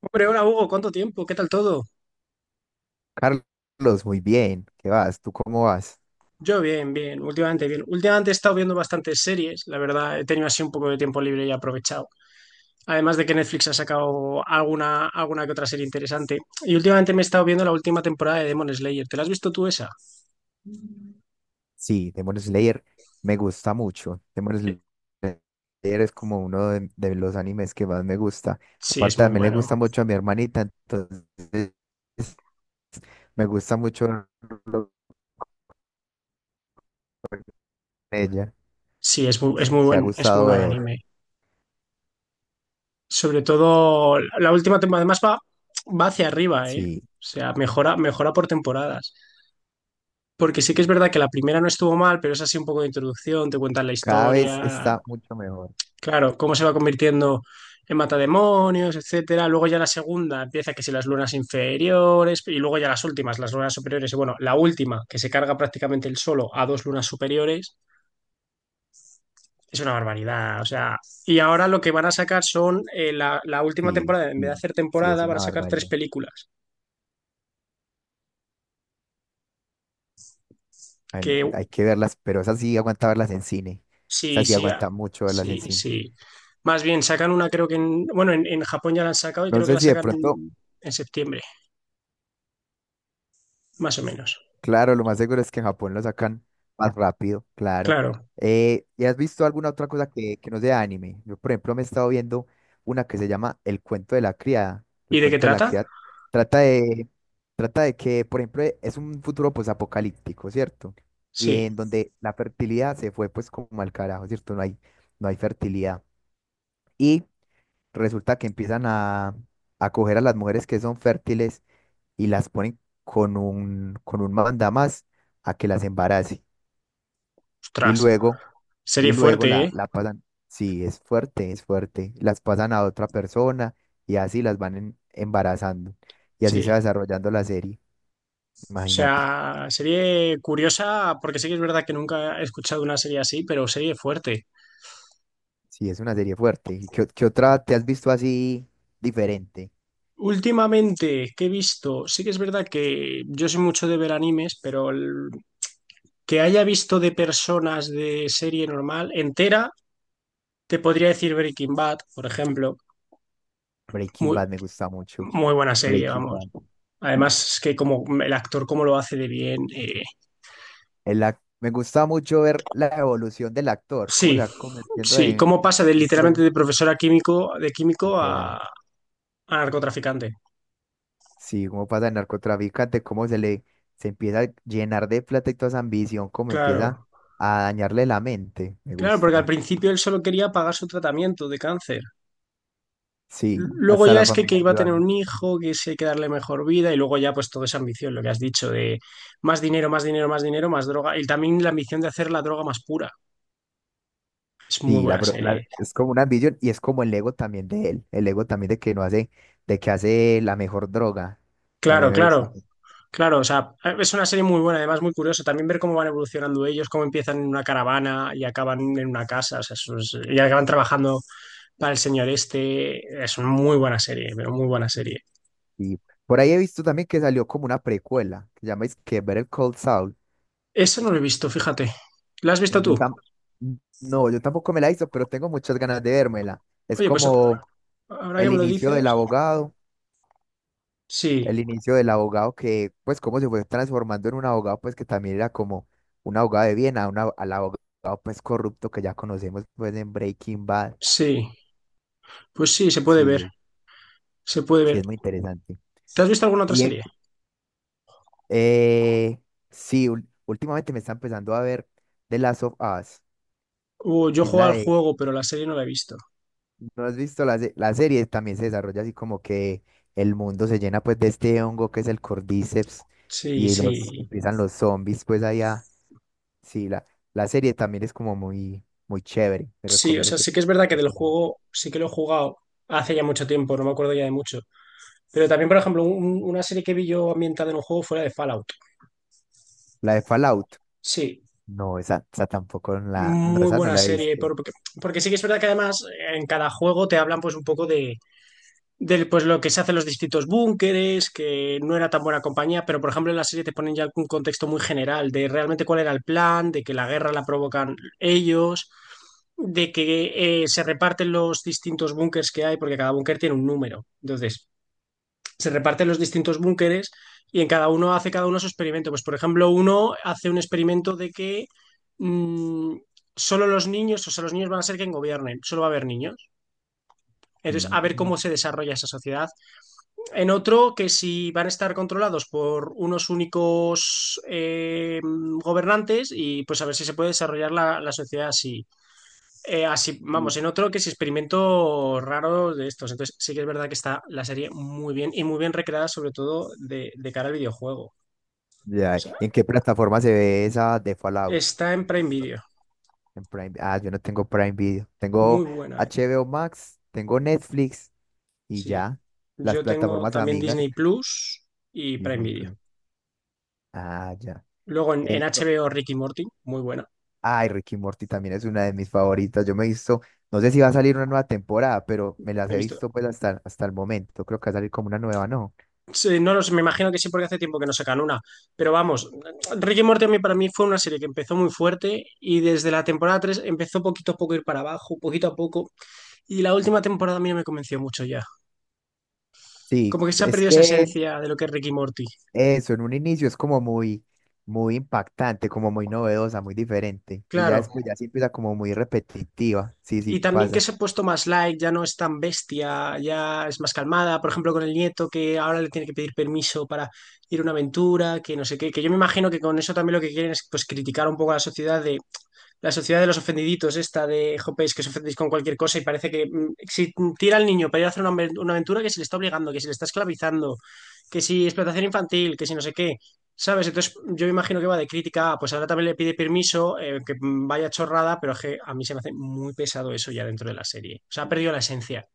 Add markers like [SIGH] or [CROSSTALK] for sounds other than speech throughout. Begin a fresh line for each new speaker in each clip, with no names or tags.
Hombre, hola Hugo, ¿cuánto tiempo? ¿Qué tal todo?
Carlos, muy bien. ¿Qué vas? ¿Tú cómo vas?
Yo bien, bien. Últimamente he estado viendo bastantes series, la verdad, he tenido así un poco de tiempo libre y he aprovechado. Además de que Netflix ha sacado alguna que otra serie interesante. Y últimamente me he estado viendo la última temporada de Demon Slayer. ¿Te la has visto tú esa?
Sí, Demon Slayer me gusta mucho. Demon Slayer es como uno de los animes que más me gusta.
Sí, es
Aparte,
muy
también le
bueno.
gusta mucho a mi hermanita, entonces me gusta mucho verlo con ella.
Sí, es muy, es
Pues,
muy
que ha
buen, es muy
gustado
buen
ver.
anime. Sobre todo la última temporada, además va hacia arriba, ¿eh? O
Sí,
sea, mejora, mejora por temporadas. Porque sí que es verdad que la primera no estuvo mal, pero es así un poco de introducción, te cuentan la
cada vez
historia.
está mucho mejor.
Claro, cómo se va convirtiendo en matademonios, etcétera. Luego ya la segunda empieza que si las lunas inferiores, y luego ya las últimas, las lunas superiores, y bueno, la última, que se carga prácticamente el solo a dos lunas superiores, es una barbaridad. O sea, y ahora lo que van a sacar son la última
Sí,
temporada, en vez de
sí,
hacer
sí, es
temporada, van a
una
sacar tres
barbaridad.
películas.
Ay, no,
Que
hay que verlas, pero esas sí aguanta verlas en cine.
sí,
Esas sí
sí, ah,
aguanta mucho verlas
sí,
en cine.
sí. Más bien, sacan una, creo que bueno, en Japón ya la han sacado y
No
creo que
sé
la
si de
sacan
pronto.
en septiembre, más o menos.
Claro, lo más seguro es que en Japón lo sacan más rápido, claro.
Claro.
¿Y has visto alguna otra cosa que no sea anime? Yo, por ejemplo, me he estado viendo una que se llama El cuento de la criada. El
¿Y de qué
cuento de la
trata?
criada trata de, trata de que, por ejemplo, es un futuro pues apocalíptico, ¿cierto? Y
Sí,
en donde la fertilidad se fue pues como al carajo, ¿cierto? No hay fertilidad. Y resulta que a coger a las mujeres que son fértiles y las ponen con con un mandamás a que las embarace. Y
ostras.
luego, y
Serie
luego
fuerte, ¿eh?
la pasan, sí, es fuerte, las pasan a otra persona y así las van embarazando. Y así
Sí.
se
O
va desarrollando la serie, imagínate.
sea, serie curiosa, porque sí que es verdad que nunca he escuchado una serie así, pero serie fuerte.
Sí, es una serie fuerte. ¿Y qué, qué otra te has visto así diferente?
Últimamente, ¿qué he visto? Sí que es verdad que yo soy mucho de ver animes, pero el que haya visto de personas de serie normal entera, te podría decir Breaking Bad, por ejemplo.
Breaking
Muy,
Bad me gusta mucho.
muy buena serie,
Breaking
vamos.
Bad.
Además, es que como el actor, cómo lo hace de bien.
Me gusta mucho ver la evolución del actor, cómo se
Sí,
va convirtiendo
Sí,
en
¿cómo pasa de
un
literalmente
pro.
de profesora químico,
Literal.
a narcotraficante?
Sí, como pasa el narcotraficante, cómo se empieza a llenar de plata y toda esa ambición, cómo empieza
Claro,
a dañarle la mente. Me
claro, porque al
gusta.
principio él solo quería pagar su tratamiento de cáncer.
Sí,
Luego
hasta
ya
la
es que
familia
iba a tener
ayudando.
un hijo, que sí hay que darle mejor vida y luego ya pues toda esa ambición, lo que has dicho, de más dinero, más dinero, más dinero, más droga y también la ambición de hacer la droga más pura. Es muy
Sí,
buena serie.
es como una ambición y es como el ego también de él, el ego también de que no hace, de que hace la mejor droga.
Claro,
También me gusta
claro,
mucho.
claro, o sea, es una serie muy buena, además muy curioso también ver cómo van evolucionando ellos, cómo empiezan en una caravana y acaban en una casa, o sea, eso es- y acaban trabajando para el señor este. Es una muy buena serie, pero muy buena serie.
Y por ahí he visto también que salió como una precuela, que se llama es que ver el Cold Soul.
Esa no la he visto, fíjate. ¿La has
Y
visto tú?
yo tam No, yo tampoco me la hizo, pero tengo muchas ganas de vérmela. Es
Oye, pues
como
ahora que
el
me lo
inicio del
dices.
abogado,
Sí,
el inicio del abogado que, pues, cómo se fue transformando en un abogado, pues, que también era como un abogado de bien al abogado, pues, corrupto que ya conocemos, pues, en Breaking Bad.
sí. Pues sí, se puede ver.
Sí, es-
Se puede
sí,
ver.
es muy interesante.
¿Te has visto alguna otra
Y, eh,
serie?
eh, sí, últimamente me está empezando a ver The Last of Us,
Yo
que es
juego
la
al
de,
juego, pero la serie no la he visto.
¿no has visto la serie? También se desarrolla así como que el mundo se llena, pues, de este hongo que es el Cordyceps
Sí,
y los,
sí.
empiezan los zombies, pues, allá. Sí, la serie también es como muy, muy chévere.
Sí, o sea, sí que es verdad que
Que
del
te la veas.
juego sí que lo he jugado hace ya mucho tiempo, no me acuerdo ya de mucho. Pero también, por ejemplo, una serie que vi yo ambientada en un juego fuera de Fallout.
La de Fallout.
Sí,
No, esa tampoco no,
muy
esa no
buena
la he
serie,
visto.
porque sí que es verdad que además en cada juego te hablan pues un poco del, pues lo que se hace en los distintos búnkeres, que no era tan buena compañía, pero por ejemplo en la serie te ponen ya un contexto muy general de realmente cuál era el plan, de que la guerra la provocan ellos, de que se reparten los distintos búnkers que hay, porque cada búnker tiene un número. Entonces, se reparten los distintos búnkeres y en cada uno hace cada uno su experimento. Pues, por ejemplo, uno hace un experimento de que mm, solo los niños, o sea, los niños van a ser quien gobiernen, solo va a haber niños. Entonces, a ver
Mm,
cómo se desarrolla esa sociedad. En otro, que si van a estar controlados por unos únicos gobernantes y pues a ver si se puede desarrollar la sociedad así. Así,
sí.
vamos, en otro que es experimento raro de estos. Entonces, sí que es verdad que está la serie muy bien y muy bien recreada, sobre todo de cara al videojuego. O
Ya,
sea,
¿y en qué plataforma se ve esa de Fallout?
está en Prime Video.
En Prime. Ah, yo no tengo Prime Video. Tengo
Muy buena, eh.
HBO Max, tengo Netflix y
Sí.
ya. Las
Yo tengo
plataformas
también
amigas.
Disney Plus y Prime
Disney
Video.
Plus. Ah, ya.
Luego en
No,
HBO Ricky Morty, muy buena.
Ay, Ricky Morty también es una de mis favoritas. Yo me he visto, no sé si va a salir una nueva temporada, pero me las
He
he
visto.
visto pues hasta, hasta el momento. Creo que va a salir como una nueva, ¿no?
Sí, no los, me imagino que sí, porque hace tiempo que no sacan una. Pero vamos, Ricky Morty a mí, para mí fue una serie que empezó muy fuerte y desde la temporada 3 empezó poquito a poco a ir para abajo, poquito a poco. Y la última temporada a mí no me convenció mucho ya.
Sí,
Como que se ha
es
perdido esa
que
esencia de lo que es Ricky Morty.
eso en un inicio es como muy, muy impactante, como muy novedosa, muy diferente. Y ya
Claro.
después ya sí empieza como muy repetitiva. Sí, sí
Y también que
pasa.
se ha puesto más light, ya no es tan bestia, ya es más calmada. Por ejemplo, con el nieto que ahora le tiene que pedir permiso para ir a una aventura, que no sé qué. Que yo me imagino que con eso también lo que quieren es pues criticar un poco a la sociedad de la sociedad de los ofendiditos, esta de jopéis que os ofendéis con cualquier cosa y parece que si tira al niño para ir a hacer una, una aventura que se le está obligando, que se le está esclavizando, que si explotación infantil, que si no sé qué, ¿sabes? Entonces yo me imagino que va de crítica, ah, pues ahora también le pide permiso, que vaya chorrada, pero es que a mí se me hace muy pesado eso ya dentro de la serie. O sea, ha perdido la esencia.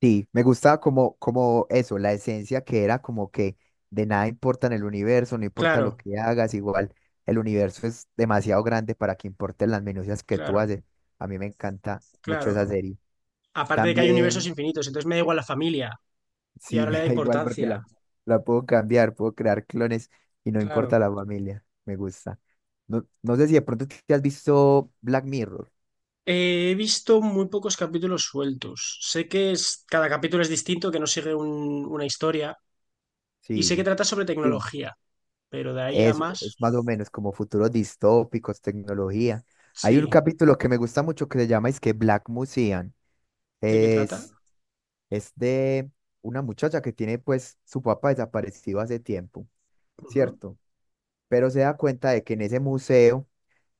Sí, me gustaba como, como eso, la esencia que era como que de nada importa en el universo, no importa lo
Claro,
que hagas, igual el universo es demasiado grande para que importen las minucias que tú
claro,
haces. A mí me encanta mucho esa
claro.
serie.
Aparte de que hay universos
También,
infinitos, entonces me da igual la familia y
sí, [LAUGHS]
ahora le
me
da
da igual porque
importancia.
la puedo cambiar, puedo crear clones y no
Claro.
importa la familia, me gusta. No, no sé si de pronto te has visto Black Mirror.
He visto muy pocos capítulos sueltos. Sé que es, cada capítulo es distinto, que no sigue una historia. Y sé que
Sí.
trata sobre
Sí.
tecnología, pero de ahí a más,
Es más o menos como futuros distópicos, tecnología. Hay un
sí.
capítulo que me gusta mucho que se llama es que Black Museum.
¿De qué trata?
Es, es de una muchacha que tiene pues su papá desaparecido hace tiempo,
Ujú.
¿cierto? Pero se da cuenta de que en ese museo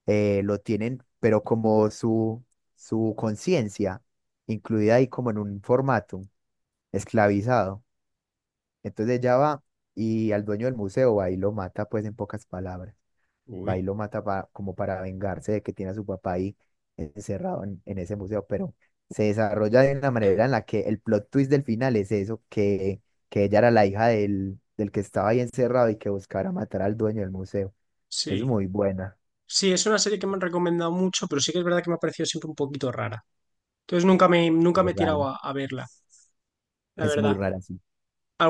lo tienen, pero como su conciencia, incluida ahí como en un formato esclavizado. Entonces ella va y al dueño del museo va y lo mata pues en pocas palabras. Va y
Uy.
lo mata como para vengarse de que tiene a su papá ahí encerrado en ese museo, pero se desarrolla de una manera en la que el plot twist del final es eso, que ella era la hija del que estaba ahí encerrado y que buscara matar al dueño del museo. Es
Sí.
muy buena,
Sí, es una serie que me han recomendado mucho, pero sí que es verdad que me ha parecido siempre un poquito rara. Entonces nunca me, nunca
y
me
es
he
rara,
tirado a verla, la
es muy
verdad.
rara, sí,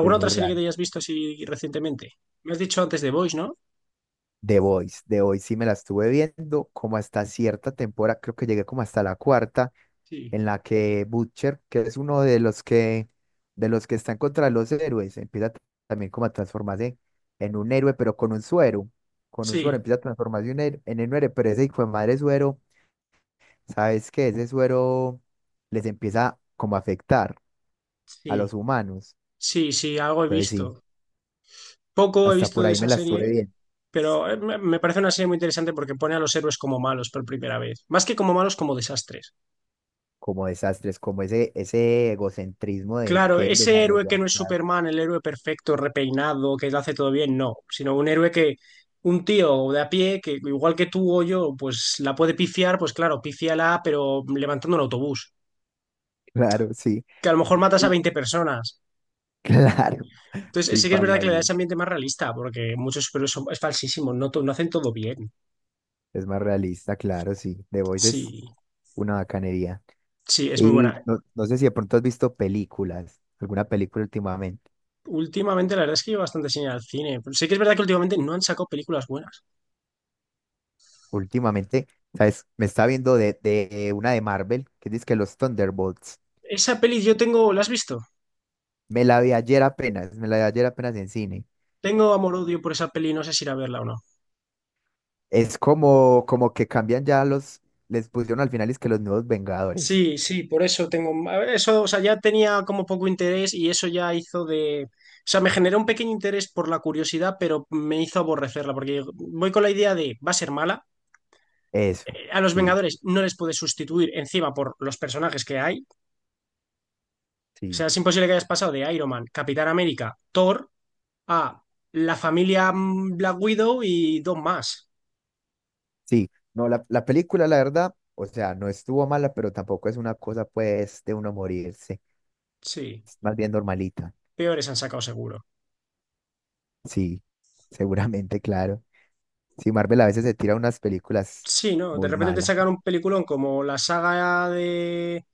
es
otra
muy
serie que
rara.
te hayas visto así recientemente? Me has dicho antes de Boys, ¿no?
The Voice, The Voice sí me la estuve viendo como hasta cierta temporada, creo que llegué como hasta la cuarta
Sí.
en la que Butcher, que es uno de los que están contra los héroes, también como a transformarse en un héroe, pero con un suero. Con un suero
Sí,
empieza a transformarse en un héroe, pero ese hijo de madre suero, ¿sabes qué? Ese suero les empieza como a afectar a los
sí,
humanos.
sí, sí, algo he
Entonces sí,
visto. Poco he
hasta
visto
por
de
ahí me
esa
la
serie.
estuve bien,
Pero me parece una serie muy interesante porque pone a los héroes como malos por primera vez. Más que como malos, como desastres.
como desastres, como ese egocentrismo de
Claro,
que
ese héroe que
desarrollar.
no es
Claro,
Superman, el héroe perfecto, repeinado, que lo hace todo bien, no. Sino un héroe que, un tío de a pie, que igual que tú o yo, pues la puede pifiar, pues claro, pífiala, pero levantando un autobús.
[LAUGHS] claro, sí.
Que a lo mejor matas a
Sí,
20 personas.
claro,
Entonces,
sí,
sí que es verdad
pasa.
que le da ese
Sí.
ambiente más realista, porque muchos superhéroes es falsísimo, no, no hacen todo bien.
Es más realista, claro, sí. The Voice
Sí,
es una bacanería.
sí, es muy
Y
buena.
no, no sé si de pronto has visto películas, alguna película últimamente.
Últimamente, la verdad es que yo bastante sin ir al cine. Pero sí que es verdad que últimamente no han sacado películas buenas.
Últimamente, ¿sabes? Me estaba viendo de una de Marvel, que dice que los Thunderbolts.
Esa peli yo tengo, ¿la has visto?
Me la vi ayer apenas, me la vi ayer apenas en cine.
Tengo amor-odio por esa peli, no sé si ir a verla o no.
Es como, como que cambian ya los, les pusieron al final es que los nuevos Vengadores.
Sí, sí, por eso tengo. A ver, eso, o sea, ya tenía como poco interés y eso ya hizo de. O sea, me generó un pequeño interés por la curiosidad, pero me hizo aborrecerla, porque voy con la idea de va a ser mala.
Eso,
A los
sí,
Vengadores no les puedes sustituir encima por los personajes que hay. O
sí,
sea, es imposible que hayas pasado de Iron Man, Capitán América, Thor, ah, la familia Black Widow y dos más.
sí. No, la película, la verdad, o sea, no estuvo mala, pero tampoco es una cosa, pues, de uno morirse,
Sí,
es más bien normalita.
peores han sacado seguro.
Sí, seguramente, claro. Sí, Marvel a veces se tira unas películas
Sí, ¿no? De
muy
repente te
malas.
sacan un peliculón como la saga de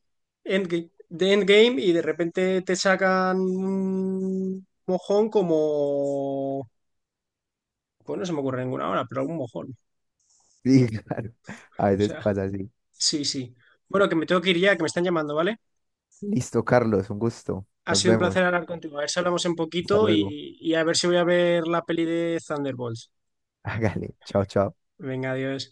Endgame, de Endgame y de repente te sacan un mojón como... Pues no se me ocurre ninguna ahora, pero algún mojón. O
Sí, [LAUGHS] claro. A veces
sea,
pasa así.
sí, sí. Bueno, que me tengo que ir ya, que me están llamando, ¿vale?
Listo, Carlos, un gusto.
Ha
Nos
sido un
vemos.
placer hablar contigo. A ver si hablamos en
Hasta
poquito
luego.
y a ver si voy a ver la peli de Thunderbolts.
[LAUGHS] Hágale. Chao, chao.
Venga, adiós.